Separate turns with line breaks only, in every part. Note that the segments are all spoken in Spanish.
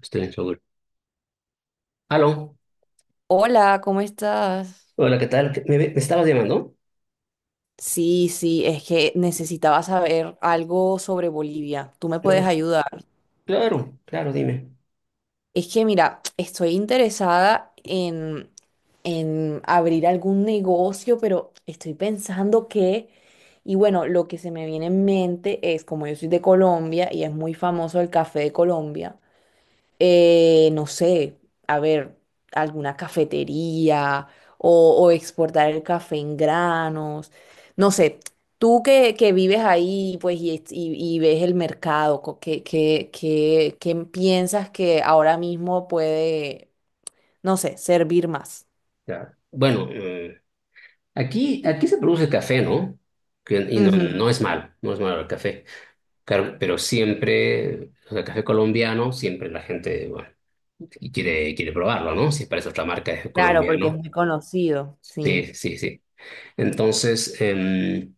Estoy en Seúl. Aló.
Hola, ¿cómo estás?
Hola, ¿qué tal? ¿Me estabas llamando?
Sí, sí, es que necesitaba saber algo sobre Bolivia. ¿Tú me puedes
No.
ayudar?
Claro, claro, dime.
Es que mira, estoy interesada en abrir algún negocio, pero estoy pensando que, y bueno, lo que se me viene en mente es, como yo soy de Colombia y es muy famoso el café de Colombia, no sé, a ver, alguna cafetería o, exportar el café en granos, no sé, tú que vives ahí pues y ves el mercado, ¿qué piensas que ahora mismo puede, no sé, ¿servir más?
Ya. Bueno, aquí se produce café, ¿no? No
Ujú,
es malo, no es malo el café. Claro, pero siempre, o sea, café colombiano, siempre la gente, bueno, y quiere probarlo, ¿no? Si parece otra marca es
claro, porque es
colombiano.
muy conocido, sí.
Sí, sí, sí. Entonces, em,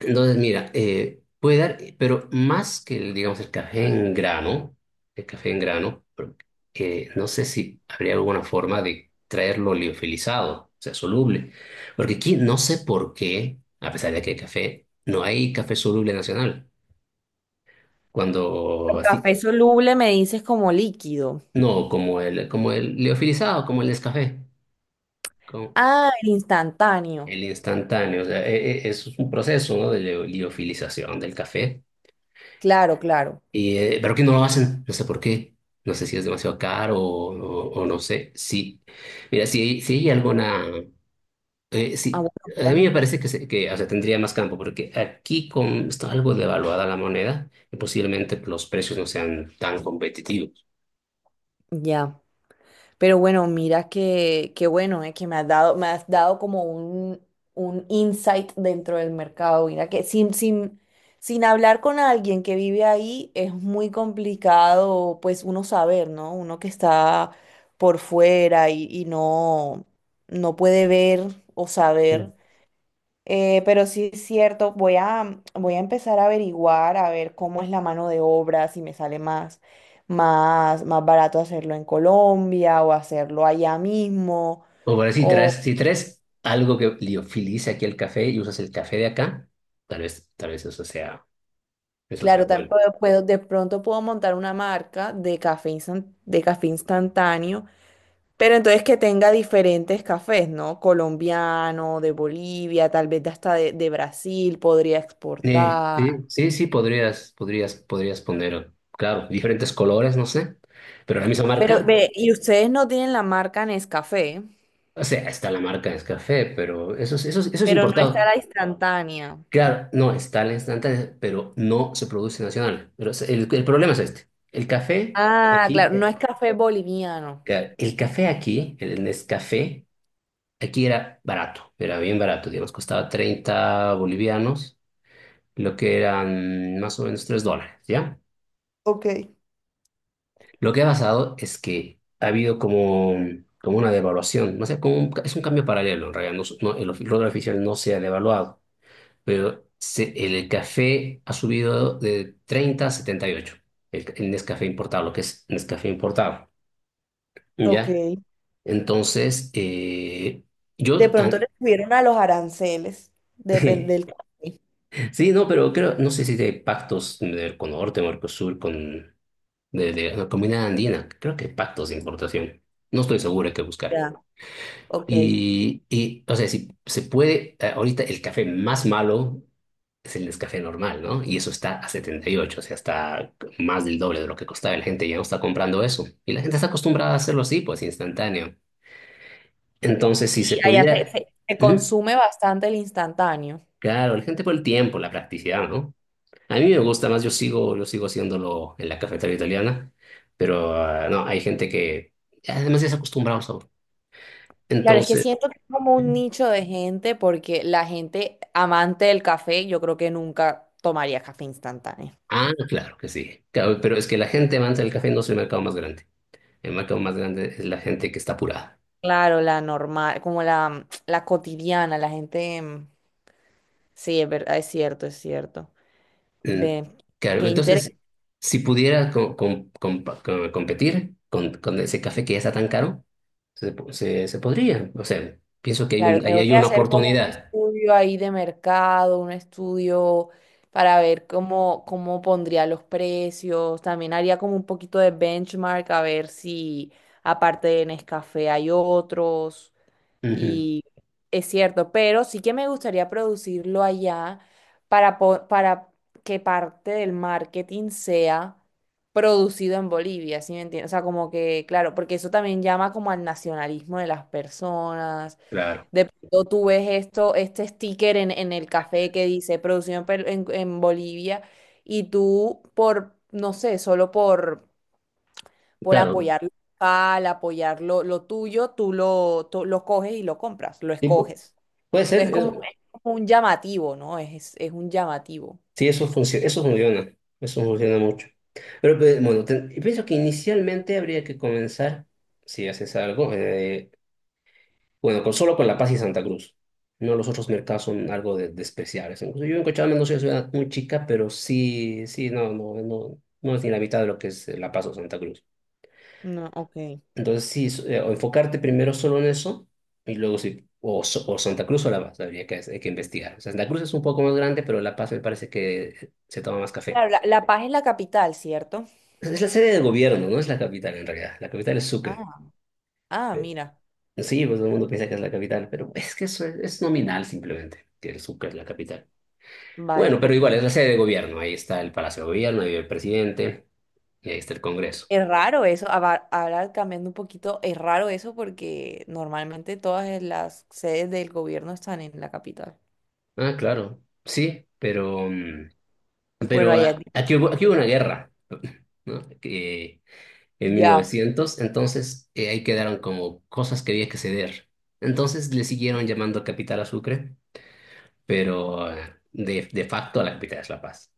Entonces, mira, puede dar, pero más que el, digamos, el café en grano, el café en grano, pero no sé si habría alguna forma de traerlo liofilizado, o sea, soluble. Porque aquí no sé por qué, a pesar de que hay café, no hay café soluble nacional. Cuando
El
así,
café soluble me dices como líquido.
no, como el liofilizado, como el Nescafé, como
Ah, el instantáneo.
el instantáneo, o sea, es un proceso, ¿no?, de liofilización del café.
Claro, claro.
Y pero que no lo hacen, no sé por qué. No sé si es demasiado caro o no sé. Sí, mira, si, si hay alguna...
Ah,
sí,
bueno,
a
mira,
mí me parece que, que, o sea, tendría más campo, porque aquí con, está algo devaluada la moneda y posiblemente los precios no sean tan competitivos.
ya. Pero bueno, mira que, bueno, que me has dado como un, insight dentro del mercado. Mira que sin hablar con alguien que vive ahí es muy complicado, pues uno saber, ¿no? Uno que está por fuera y, no puede ver o
Mm.
saber. Pero sí es cierto, voy a empezar a averiguar, a ver cómo es la mano de obra, si me sale más barato hacerlo en Colombia o hacerlo allá mismo.
O bueno, si traes, si traes algo que liofilice aquí el café y usas el café de acá, tal vez eso sea
Claro, también
bueno.
de pronto puedo montar una marca de café, de café instantáneo, pero entonces que tenga diferentes cafés, ¿no? Colombiano, de Bolivia, tal vez de hasta de Brasil podría
Sí,
exportar.
sí, sí, sí, podrías, podrías, podrías poner, claro, diferentes colores, no sé, pero la misma
Pero
marca.
ve, ¿y ustedes no tienen la marca Nescafé?
O sea, está la marca de café, pero eso es, eso es, eso es
Pero no está
importado.
la instantánea.
Claro, no, está la instantánea, pero no se produce nacional. Pero el problema es este, el café
Ah,
aquí,
claro, no es café boliviano.
claro, el café aquí, el Nescafé, aquí era barato, era bien barato, digamos, costaba 30 bolivianos, lo que eran más o menos 3 dólares, ¿ya?
Ok,
Lo que ha pasado es que ha habido como, como una devaluación, no sé, como es un cambio paralelo, en realidad, dólar oficial no se ha devaluado, pero el café ha subido de 30 a 78. El Nescafé importado, lo que es Nescafé importado,
ok.
¿ya? Entonces,
De
yo,
pronto
ah,
le subieron a los aranceles, depende del café.
sí, no, pero creo, no sé si de pactos del con Norte, Mercosur, con, de la Comunidad Andina, creo que hay pactos de importación, no estoy seguro, hay que buscar.
Ya, ok.
Y, o sea, si se puede, ahorita el café más malo es el café normal, ¿no? Y eso está a 78, o sea, está más del doble de lo que costaba. La gente ya no está comprando eso. Y la gente está acostumbrada a hacerlo así, pues instantáneo. Entonces,
Sí,
si se
allá se,
pudiera...
se- se
¿Mm?
consume bastante el instantáneo.
Claro, la gente por el tiempo, la practicidad, ¿no? A mí me gusta más, yo sigo haciéndolo en la cafetería italiana, pero ah, no, hay gente que además ya se ha acostumbrado al sabor.
Claro, es que
Entonces...
siento que es como un nicho de gente porque la gente amante del café, yo creo que nunca tomaría café instantáneo.
Ah, claro que sí. Claro, pero es que la gente amante del café no es el mercado más grande. El mercado más grande es la gente que está apurada.
Claro, la normal, como la, cotidiana, la gente. Sí, es verdad, es cierto, es cierto.
Mm.
Ve,
Claro,
qué interés.
entonces, si pudiera competir con ese café que ya está tan caro, se, se, se podría. O sea, pienso que hay
Claro,
un, ahí
tengo
hay
que
una
hacer como un
oportunidad.
estudio ahí de mercado, un estudio para ver cómo pondría los precios. También haría como un poquito de benchmark a ver si aparte de Nescafé hay otros.
Ujú.
Y es cierto, pero sí que me gustaría producirlo allá para que parte del marketing sea producido en Bolivia, ¿sí me entiendes? O sea, como que, claro, porque eso también llama como al nacionalismo de las personas.
Claro.
De pronto tú ves esto, este sticker en, el café que dice producido en, en Bolivia y tú por, no sé, solo por
Claro.
apoyar lo local, apoyar lo, tuyo, tú lo coges y lo compras, lo
Sí,
escoges.
puede ser.
Entonces, como,
Eso,
es como un llamativo, ¿no? Es un llamativo.
sí, eso funciona. Eso funciona. Eso funciona mucho. Pero pues, bueno, y pienso que inicialmente habría que comenzar, si haces algo, bueno, con, solo con La Paz y Santa Cruz. No, los otros mercados son algo de especiales. Incluso yo en Cochabamba no soy una ciudad muy chica, pero sí, sí, no, no, no, no es ni la mitad de lo que es La Paz o Santa Cruz.
No, ok.
Entonces, sí, o enfocarte primero solo en eso, y luego sí, o, o Santa Cruz o La Paz, habría que, hay que investigar. O sea, Santa Cruz es un poco más grande, pero La Paz me parece que se toma más café.
Claro, La Paz es la capital, ¿cierto?
Es la sede del gobierno, no es la capital en realidad. La capital es Sucre.
Ah, ah,
Eh,
mira.
Sí, pues todo el mundo piensa que es la capital, pero es que eso es nominal simplemente, que el Sucre es la capital.
Vale,
Bueno, pero
ok.
igual es la sede de gobierno. Ahí está el Palacio de Gobierno, ahí vive el presidente y ahí está el Congreso.
Es raro eso, ahora cambiando un poquito, es raro eso porque normalmente todas las sedes del gobierno están en la capital.
Ah, claro, sí, pero, mm,
Bueno,
pero
allá es
ah, aquí hubo
diferente.
una guerra, ¿no? Que, en mil
Ya.
novecientos entonces ahí quedaron como cosas que había que ceder. Entonces le siguieron llamando capital a Sucre, pero ah, de facto la capital es La Paz.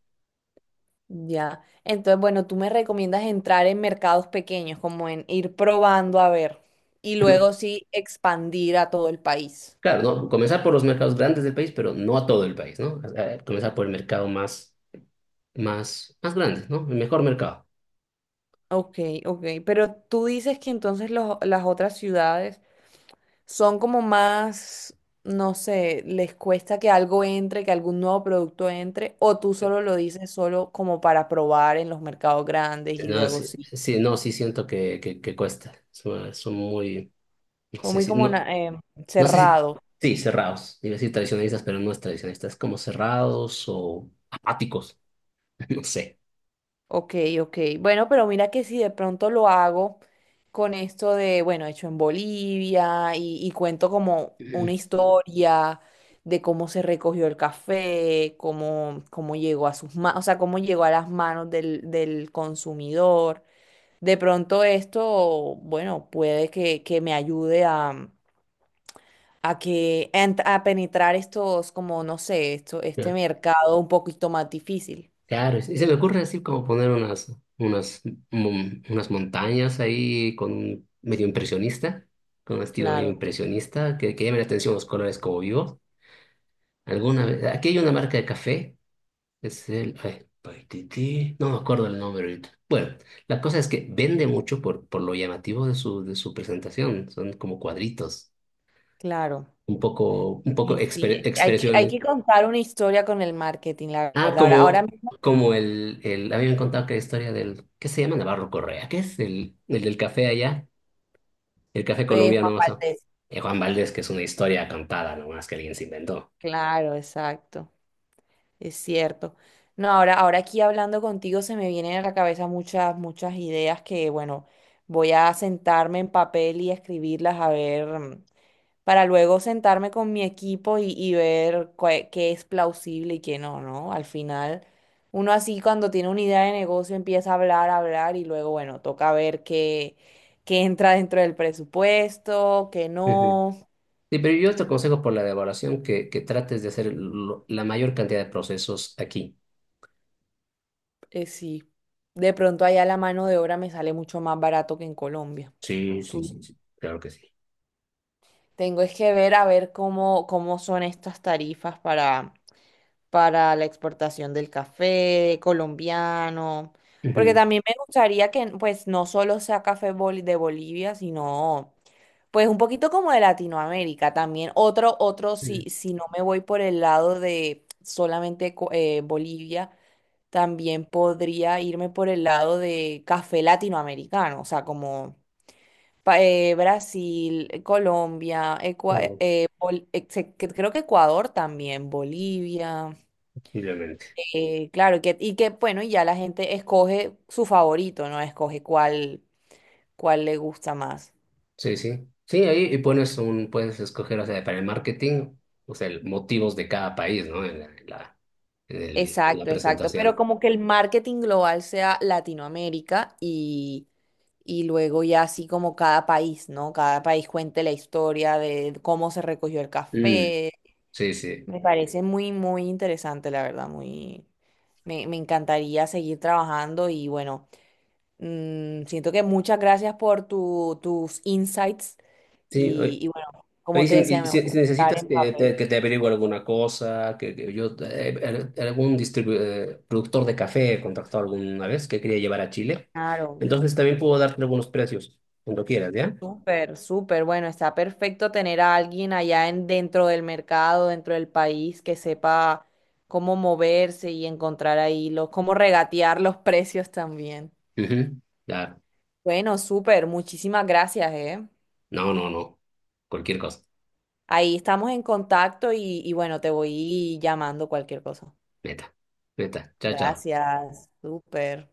Ya. Entonces, bueno, tú me recomiendas entrar en mercados pequeños, como en ir probando a ver, y
No,
luego sí expandir a todo el país.
claro, ¿no? Comenzar por los mercados grandes del país, pero no a todo el país, ¿no? Comenzar por el mercado más, más, más grande, ¿no? El mejor mercado.
Ok, ok. Pero tú dices que entonces las otras ciudades son como más, no sé, les cuesta que algo entre, que algún nuevo producto entre, o tú solo lo dices solo como para probar en los mercados grandes y
No,
luego
sí,
sí.
sí, no, sí siento que cuesta. Son, son muy, no
Son
sé
muy
si,
como
no, no sé si,
cerrados.
sí, cerrados. Iba a decir tradicionalistas, pero no es tradicionalistas, es como cerrados o apáticos, no sé.
Ok, ok. Bueno, pero mira que si de pronto lo hago con esto de, bueno, hecho en Bolivia y, cuento como
Mm.
una historia de cómo se recogió el café, cómo llegó a sus manos, o sea, cómo llegó a las manos del, consumidor. De pronto esto, bueno, puede que me ayude a a penetrar estos, como no sé, esto, este
Ya.
mercado un poquito más difícil.
Claro, y se me ocurre así como poner unas, unas, unas montañas ahí con un medio impresionista, con un estilo medio
Claro,
impresionista, que llame la atención los colores como vivos. Alguna vez, aquí hay una marca de café. Es el Paititi. No me acuerdo el nombre ahorita. Bueno, la cosa es que vende mucho por lo llamativo de su presentación. Son como cuadritos,
claro.
un poco
Sí, sí, hay que, hay
expresiones.
que contar una historia con el marketing, la
Ah,
verdad. Ahora, ahora
como,
mismo,
como el, habían contado que la historia del, ¿qué se llama? Navarro Correa, ¿qué es el del café allá? El café
Juan
colombiano, o sea.
Valdés.
Y Juan Valdés, que es una historia contada nomás que alguien se inventó.
Claro, exacto, es cierto. No, ahora aquí hablando contigo se me vienen a la cabeza muchas, muchas ideas que, bueno, voy a sentarme en papel y escribirlas a ver. Para luego sentarme con mi equipo y, ver qué es plausible y qué no, ¿no? Al final, uno así cuando tiene una idea de negocio empieza a hablar y luego, bueno, toca ver qué entra dentro del presupuesto, qué
Ujú.
no.
Sí, pero yo te aconsejo por la devaluación que trates de hacer la mayor cantidad de procesos aquí.
Sí, de pronto allá la mano de obra me sale mucho más barato que en Colombia.
Sí, sí,
Tú-
sí, sí, claro que sí.
Tengo es que ver a ver cómo son estas tarifas para la exportación del café colombiano, porque
Ujú,
también me gustaría que pues no solo sea café de Bolivia, sino pues un poquito como de Latinoamérica también. Otro, si,
ujú.
si no me voy por el lado de solamente Bolivia, también podría irme por el lado de café latinoamericano, o sea, como Brasil, Colombia,
Bueno,
creo que Ecuador también, Bolivia.
posiblemente.
Claro, que, y que bueno, y ya la gente escoge su favorito, ¿no? Escoge cuál, le gusta más.
Sí, sí. Sí, ahí y pones un, puedes escoger, o sea, para el marketing, o sea, motivos de cada país, ¿no? En la, en la, en la
Exacto, exacto. Pero
presentación.
como que el marketing global sea Latinoamérica y luego ya así como cada país, ¿no? Cada país cuente la historia de cómo se recogió el
Mm,
café.
sí, sí.
Me parece muy, muy interesante, la verdad, muy. Me encantaría seguir trabajando y bueno, siento que muchas gracias por tus insights
Sí,
y,
oye,
y bueno, como
oye,
te
si,
decía,
y
me voy a
si
estar
necesitas
en papel.
que te averigüe alguna cosa, que yo, algún productor de café he contactado alguna vez que quería llevar a Chile,
Claro,
entonces también puedo darte algunos precios, cuando quieras, ¿ya?
súper, súper. Bueno, está perfecto tener a alguien allá dentro del mercado, dentro del país, que sepa cómo moverse y encontrar ahí los, cómo regatear los precios también.
Ujú. Claro.
Bueno, súper, muchísimas gracias, ¿eh?
No, no, no. Cualquier cosa.
Ahí estamos en contacto y, bueno, te voy llamando cualquier cosa.
Neta. Neta. Chao, chao.
Gracias, súper.